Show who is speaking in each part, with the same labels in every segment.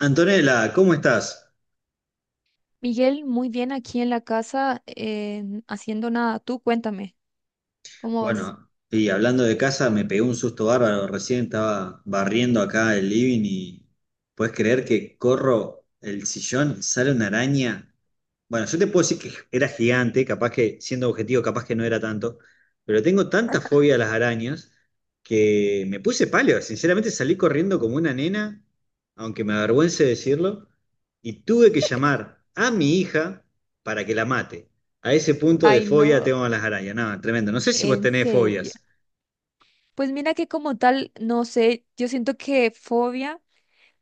Speaker 1: Antonella, ¿cómo estás?
Speaker 2: Miguel, muy bien aquí en la casa, haciendo nada. Tú cuéntame, ¿cómo vas?
Speaker 1: Bueno, y hablando de casa, me pegó un susto bárbaro. Recién estaba barriendo acá el living y puedes creer que corro el sillón, sale una araña. Bueno, yo te puedo decir que era gigante, capaz que, siendo objetivo, capaz que no era tanto, pero tengo tanta fobia a las arañas que me puse pálida. Sinceramente salí corriendo como una nena, aunque me avergüence decirlo, y tuve que llamar a mi hija para que la mate. A ese punto de
Speaker 2: Ay,
Speaker 1: fobia
Speaker 2: no,
Speaker 1: tengo a las arañas. No, tremendo. No sé si vos
Speaker 2: en
Speaker 1: tenés
Speaker 2: serio.
Speaker 1: fobias.
Speaker 2: Pues mira que como tal, no sé, yo siento que fobia.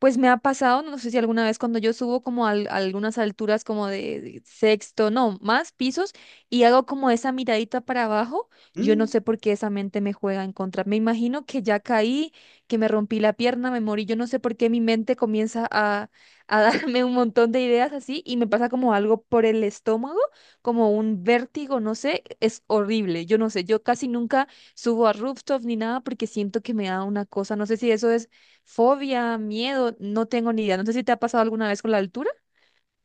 Speaker 2: Pues me ha pasado, no sé si alguna vez cuando yo subo como a algunas alturas como de sexto, no, más pisos y hago como esa miradita para abajo, yo
Speaker 1: ¿Mm?
Speaker 2: no sé por qué esa mente me juega en contra. Me imagino que ya caí, que me rompí la pierna, me morí, yo no sé por qué mi mente comienza a darme un montón de ideas así y me pasa como algo por el estómago, como un vértigo, no sé, es horrible, yo no sé, yo casi nunca subo a rooftop ni nada porque siento que me da una cosa, no sé si eso es fobia, miedo, no tengo ni idea. No sé si te ha pasado alguna vez con la altura.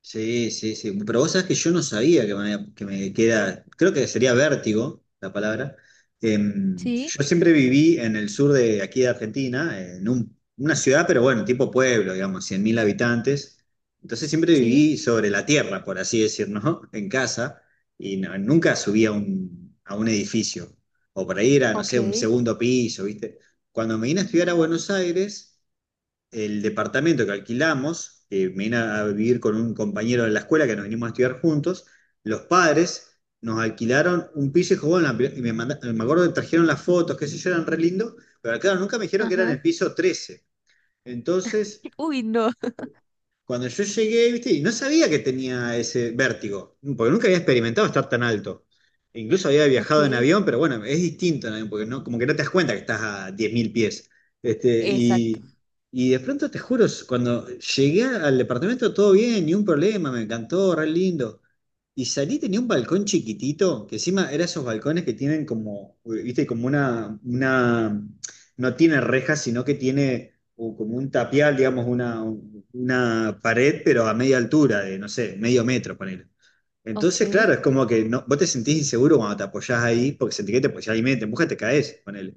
Speaker 1: Sí, sí, sí. Pero vos sabés que yo no sabía que me queda, creo que sería vértigo la palabra.
Speaker 2: Sí,
Speaker 1: Yo siempre viví en el sur de aquí de Argentina, en una ciudad, pero bueno, tipo pueblo, digamos, 100.000 habitantes. Entonces siempre
Speaker 2: sí.
Speaker 1: viví sobre la tierra, por así decir, ¿no? En casa, y nunca subí a un edificio. O por ahí era, no sé, un
Speaker 2: Ok.
Speaker 1: segundo piso, ¿viste? Cuando me vine a estudiar a Buenos Aires, el departamento que alquilamos, que me vine a vivir con un compañero de la escuela que nos vinimos a estudiar juntos, los padres nos alquilaron un piso y dijo, bueno, me acuerdo que trajeron las fotos, qué sé yo, eran re lindo, pero claro, nunca me dijeron que era en
Speaker 2: Ajá.
Speaker 1: el piso 13. Entonces,
Speaker 2: Uy, no.
Speaker 1: cuando yo llegué, viste, y no sabía que tenía ese vértigo, porque nunca había experimentado estar tan alto. Incluso había viajado en
Speaker 2: Ok.
Speaker 1: avión, pero bueno, es distinto en avión, porque no, como que no te das cuenta que estás a 10.000 pies. Este,
Speaker 2: Exacto.
Speaker 1: y de pronto te juro, cuando llegué al departamento todo bien, ni un problema, me encantó, re lindo. Y salí, tenía un balcón chiquitito, que encima era esos balcones que tienen como, viste, como no tiene rejas, sino que tiene o como un tapial, digamos, una pared, pero a media altura, de no sé, medio metro, ponele. Entonces,
Speaker 2: Ok.
Speaker 1: claro, es como que no, vos te sentís inseguro cuando te apoyás ahí, porque sentís que te apoyás ahí, medio te empujas, te caes, ponele.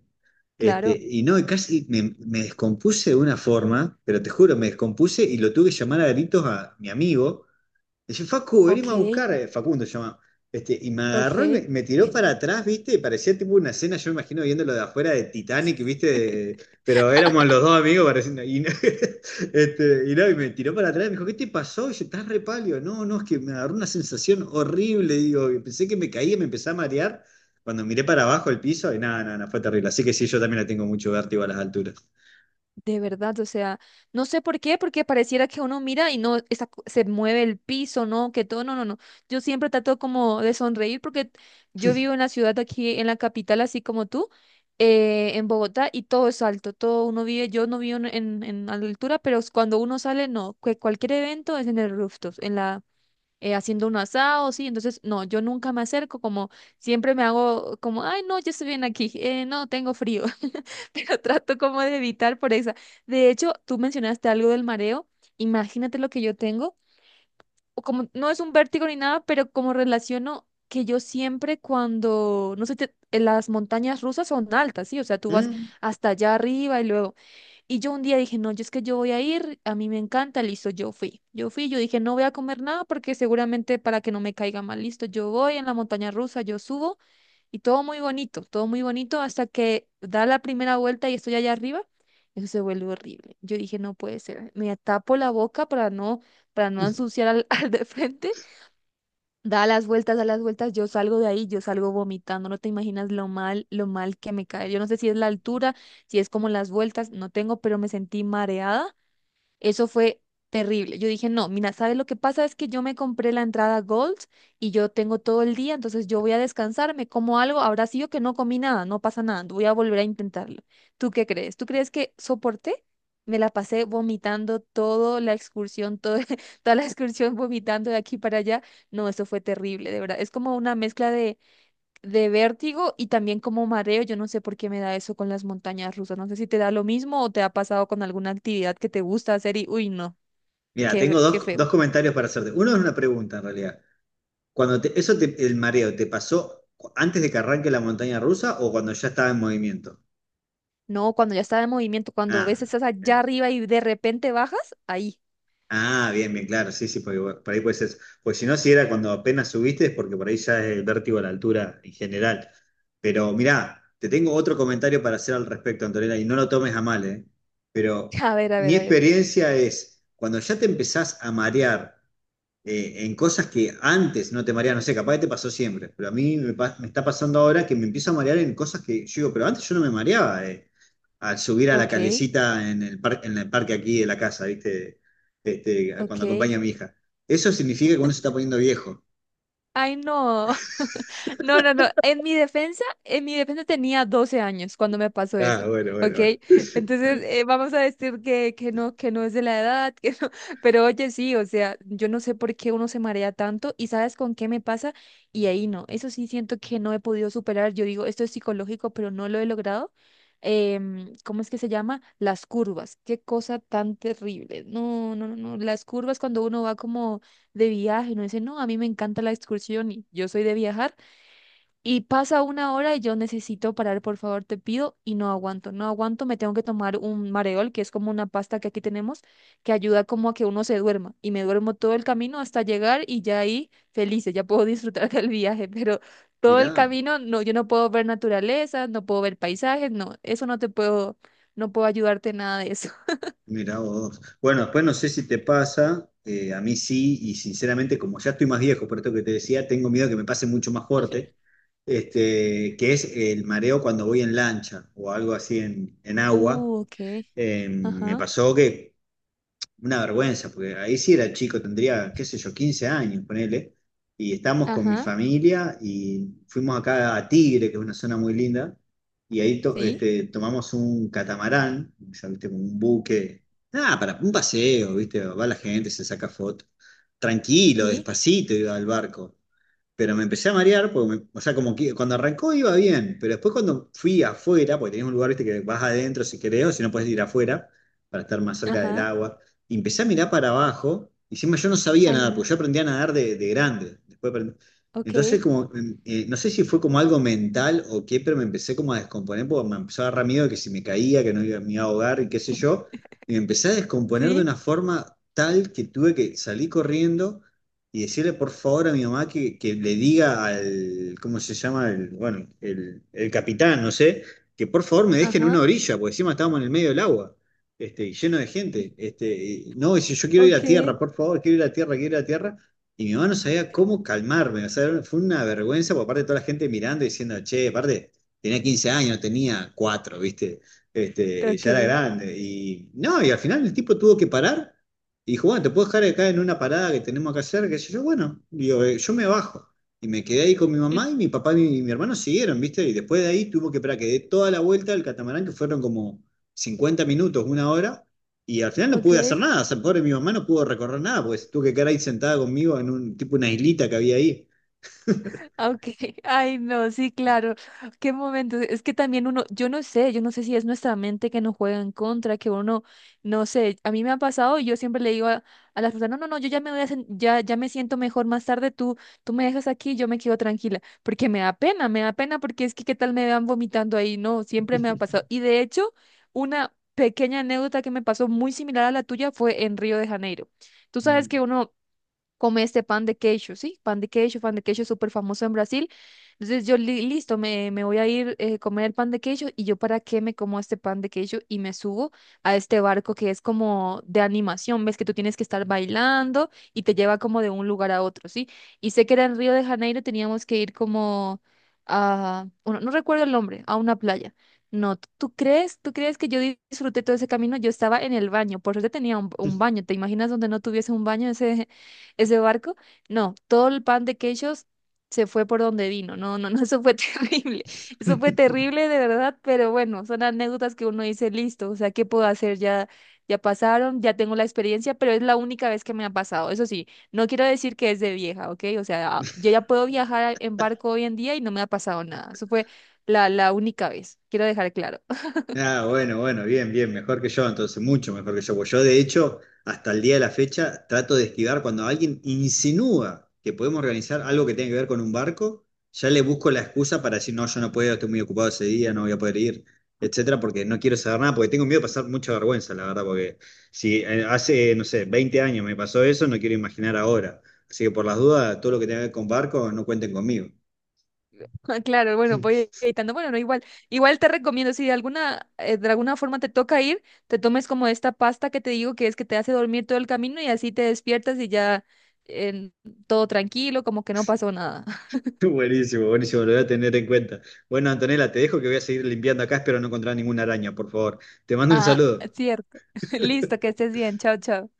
Speaker 1: Este,
Speaker 2: Claro.
Speaker 1: y no, y casi me descompuse de una forma, pero te juro, me descompuse y lo tuve que llamar a gritos a mi amigo. Dice, Facu, venimos
Speaker 2: Ok.
Speaker 1: a buscar, Facundo se llama. Este, y me agarró y me,
Speaker 2: Ok.
Speaker 1: me tiró para atrás, ¿viste? Y parecía tipo una escena, yo me imagino viéndolo de afuera de Titanic, ¿viste? Pero éramos los dos amigos, pareciendo. Y, este, y no, y me tiró para atrás y me dijo, ¿qué te pasó? Y yo, estás re pálido. No, no, es que me agarró una sensación horrible, digo, y pensé que me caía, me empecé a marear. Cuando miré para abajo el piso, y nada, nada, nada, fue terrible. Así que sí, yo también le tengo mucho vértigo a las alturas.
Speaker 2: De verdad, o sea, no sé por qué, porque pareciera que uno mira y no esa se mueve el piso, no, que todo, no, no, no. Yo siempre trato como de sonreír porque yo vivo en la ciudad aquí, en la capital, así como tú, en Bogotá, y todo es alto, todo uno vive, yo no vivo en altura, pero cuando uno sale, no, que cualquier evento es en el rooftop, en la haciendo un asado, sí, entonces no, yo nunca me acerco, como siempre me hago como, ay, no, yo estoy bien aquí, no, tengo frío, pero trato como de evitar por esa. De hecho, tú mencionaste algo del mareo, imagínate lo que yo tengo, o como no es un vértigo ni nada, pero como relaciono que yo siempre cuando, no sé, en las montañas rusas son altas, sí, o sea, tú vas
Speaker 1: Mm.
Speaker 2: hasta allá arriba y luego y yo un día dije, no, yo es que yo voy a ir, a mí me encanta, listo, yo fui. Yo fui, yo dije, no voy a comer nada porque seguramente para que no me caiga mal, listo, yo voy en la montaña rusa, yo subo y todo muy bonito hasta que da la primera vuelta y estoy allá arriba, eso se vuelve horrible. Yo dije, no puede ser, me tapo la boca para no ensuciar al, al de frente. Da las vueltas, yo salgo de ahí, yo salgo vomitando, no te imaginas lo mal que me cae. Yo no sé si es la altura, si es como las vueltas, no tengo, pero me sentí mareada, eso fue terrible. Yo dije, no, mira, ¿sabes lo que pasa? Es que yo me compré la entrada Gold y yo tengo todo el día, entonces yo voy a descansar, me como algo, habrá sido que no comí nada, no pasa nada, voy a volver a intentarlo. ¿Tú qué crees? ¿Tú crees que soporté? Me la pasé vomitando toda la excursión, toda la excursión vomitando de aquí para allá. No, eso fue terrible, de verdad. Es como una mezcla de vértigo y también como mareo. Yo no sé por qué me da eso con las montañas rusas. No sé si te da lo mismo o te ha pasado con alguna actividad que te gusta hacer y, uy, no,
Speaker 1: Mira,
Speaker 2: qué,
Speaker 1: tengo
Speaker 2: qué
Speaker 1: dos
Speaker 2: feo.
Speaker 1: comentarios para hacerte. Uno es una pregunta, en realidad. Cuando el mareo, ¿te pasó antes de que arranque la montaña rusa o cuando ya estaba en movimiento?
Speaker 2: No, cuando ya está en movimiento, cuando
Speaker 1: Ah,
Speaker 2: ves estás allá
Speaker 1: bien.
Speaker 2: arriba y de repente bajas, ahí.
Speaker 1: Ah, bien, bien, claro, sí, sí, porque bueno, por ahí puede ser eso. Porque si no, si era cuando apenas subiste, es porque por ahí ya es el vértigo a la altura en general. Pero mirá, te tengo otro comentario para hacer al respecto, Antonella, y no lo tomes a mal, ¿eh? Pero
Speaker 2: A ver, a ver,
Speaker 1: mi
Speaker 2: a ver.
Speaker 1: experiencia es, cuando ya te empezás a marear en cosas que antes no te mareaba, no sé, capaz que te pasó siempre, pero a mí me está pasando ahora que me empiezo a marear en cosas que yo digo, pero antes yo no me mareaba, al subir a la
Speaker 2: Ok,
Speaker 1: calecita en en el parque aquí de la casa, ¿viste? Este, cuando
Speaker 2: ok.
Speaker 1: acompaña a mi hija. Eso significa que uno se está poniendo viejo.
Speaker 2: Ay, no. No, no, no. En mi defensa tenía 12 años cuando me pasó
Speaker 1: Ah,
Speaker 2: eso,
Speaker 1: bueno, bueno,
Speaker 2: ¿ok?
Speaker 1: bueno.
Speaker 2: Entonces, vamos a decir que no es de la edad, que no. Pero oye, sí, o sea, yo no sé por qué uno se marea tanto y sabes con qué me pasa y ahí no. Eso sí siento que no he podido superar. Yo digo, esto es psicológico, pero no lo he logrado. ¿Cómo es que se llama? Las curvas. Qué cosa tan terrible. No, no, no, no. Las curvas cuando uno va como de viaje, no dice, no, a mí me encanta la excursión y yo soy de viajar. Y pasa una hora y yo necesito parar, por favor, te pido, y no aguanto, no aguanto, me tengo que tomar un mareol, que es como una pasta que aquí tenemos, que ayuda como a que uno se duerma, y me duermo todo el camino hasta llegar y ya ahí felices, ya puedo disfrutar del viaje, pero todo el
Speaker 1: Mirá.
Speaker 2: camino, no, yo no puedo ver naturaleza, no puedo ver paisajes, no, eso no te puedo, no puedo ayudarte en nada de eso.
Speaker 1: Mira vos. Bueno, después no sé si te pasa, a mí sí, y sinceramente, como ya estoy más viejo, por esto que te decía, tengo miedo que me pase mucho más fuerte, este, que es el mareo cuando voy en lancha o algo así en agua.
Speaker 2: Ok,
Speaker 1: Me
Speaker 2: ajá,
Speaker 1: pasó que una vergüenza, porque ahí sí era chico, tendría, qué sé yo, 15 años, ponele. Y estamos con mi
Speaker 2: ajá,
Speaker 1: familia y fuimos acá a Tigre, que es una zona muy linda, y ahí
Speaker 2: sí,
Speaker 1: tomamos un catamarán, ya viste, como un buque, nada, para un paseo, viste, va la gente, se saca foto. Tranquilo,
Speaker 2: sí,
Speaker 1: despacito iba al barco, pero me empecé a marear, porque o sea, como que cuando arrancó iba bien, pero después cuando fui afuera, porque tenés un lugar, viste, que vas adentro si querés, o si no puedes ir afuera, para estar más cerca del
Speaker 2: ajá,
Speaker 1: agua, y empecé a mirar para abajo, y encima yo no sabía
Speaker 2: ay,
Speaker 1: nadar,
Speaker 2: no,
Speaker 1: porque yo aprendí a nadar de grande, después
Speaker 2: ok,
Speaker 1: entonces, como, no sé si fue como algo mental o qué, pero me empecé como a descomponer, porque me empezó a agarrar miedo de que si me caía, que no iba, me iba a ahogar y qué sé yo, y me empecé a descomponer de
Speaker 2: sí,
Speaker 1: una forma tal que tuve que salir corriendo y decirle por favor a mi mamá que le diga al, ¿cómo se llama? El, bueno, el capitán, no sé, que por favor me dejen en una
Speaker 2: ajá.
Speaker 1: orilla, porque encima estábamos en el medio del agua, este, y lleno de gente. Este, y, no, dice, yo quiero ir a
Speaker 2: Ok.
Speaker 1: tierra, por favor, quiero ir a tierra, quiero ir a tierra. Y mi mamá no sabía cómo calmarme, o sea, fue una vergüenza por parte de toda la gente mirando y diciendo, che, aparte, tenía 15 años, no tenía cuatro, ¿viste? Este, ya era
Speaker 2: Ok.
Speaker 1: grande. Y no, y al final el tipo tuvo que parar y dijo, bueno, te puedo dejar acá en una parada que tenemos acá cerca, que yo, bueno, digo, yo me bajo. Y me quedé ahí con mi mamá y mi papá y mi hermano siguieron, ¿viste? Y después de ahí tuvo que esperar que dé toda la vuelta al catamarán, que fueron como 50 minutos, una hora. Y al final no
Speaker 2: Ok,
Speaker 1: pude hacer nada. O sea, pobre mi mamá no pudo recorrer nada, pues tuvo que quedar ahí sentada conmigo en un tipo una islita que había ahí.
Speaker 2: ok, ay no, sí, claro, qué momento, es que también uno, yo no sé si es nuestra mente que nos juega en contra, que uno, no sé, a mí me ha pasado y yo siempre le digo a las personas, no, no, no, yo ya me voy a, ya, ya me siento mejor más tarde, tú me dejas aquí, yo me quedo tranquila, porque me da pena porque es que qué tal me vean vomitando ahí, no, siempre me ha pasado, y de hecho, una pequeña anécdota que me pasó muy similar a la tuya fue en Río de Janeiro, tú sabes
Speaker 1: Mm.
Speaker 2: que uno come este pan de queijo, ¿sí? Pan de queijo es súper famoso en Brasil. Entonces yo, listo, me voy a ir a comer el pan de queijo y yo para qué me como este pan de queijo y me subo a este barco que es como de animación, ves que tú tienes que estar bailando y te lleva como de un lugar a otro, ¿sí? Y sé que era en Río de Janeiro, teníamos que ir como a, bueno, no recuerdo el nombre, a una playa. No, ¿tú crees? ¿Tú crees que yo disfruté todo ese camino? Yo estaba en el baño, por suerte tenía un baño. ¿Te imaginas donde no tuviese un baño? Ese barco. No, todo el pan de quechos se fue por donde vino. No, no, no, eso fue terrible. Eso fue terrible de verdad, pero bueno, son anécdotas que uno dice, listo, o sea, ¿qué puedo hacer? Ya, ya pasaron, ya tengo la experiencia, pero es la única vez que me ha pasado. Eso sí, no quiero decir que es de vieja, ¿ok? O sea, yo ya puedo viajar en barco hoy en día y no me ha pasado nada. Eso fue la, la única vez, quiero dejar claro.
Speaker 1: Ah, bueno, bueno, bien, bien, mejor que yo, entonces, mucho mejor que yo. Pues yo, de hecho, hasta el día de la fecha, trato de esquivar cuando alguien insinúa que podemos organizar algo que tenga que ver con un barco, ya le busco la excusa para decir, no, yo no puedo, estoy muy ocupado ese día, no voy a poder ir, etcétera, porque no quiero saber nada, porque tengo miedo de pasar mucha vergüenza, la verdad, porque si hace, no sé, 20 años me pasó eso, no quiero imaginar ahora. Así que por las dudas, todo lo que tenga que ver con barco, no cuenten conmigo.
Speaker 2: Ah, claro, bueno, voy editando. Bueno, no, igual, igual te recomiendo, si de alguna, de alguna forma te toca ir, te tomes como esta pasta que te digo que es que te hace dormir todo el camino y así te despiertas y ya en todo tranquilo, como que no pasó nada.
Speaker 1: Buenísimo, buenísimo, lo voy a tener en cuenta. Bueno, Antonella, te dejo que voy a seguir limpiando acá, espero no encontrar ninguna araña, por favor. Te mando un
Speaker 2: Ah,
Speaker 1: saludo.
Speaker 2: cierto. Listo, que estés bien. Chao, chao.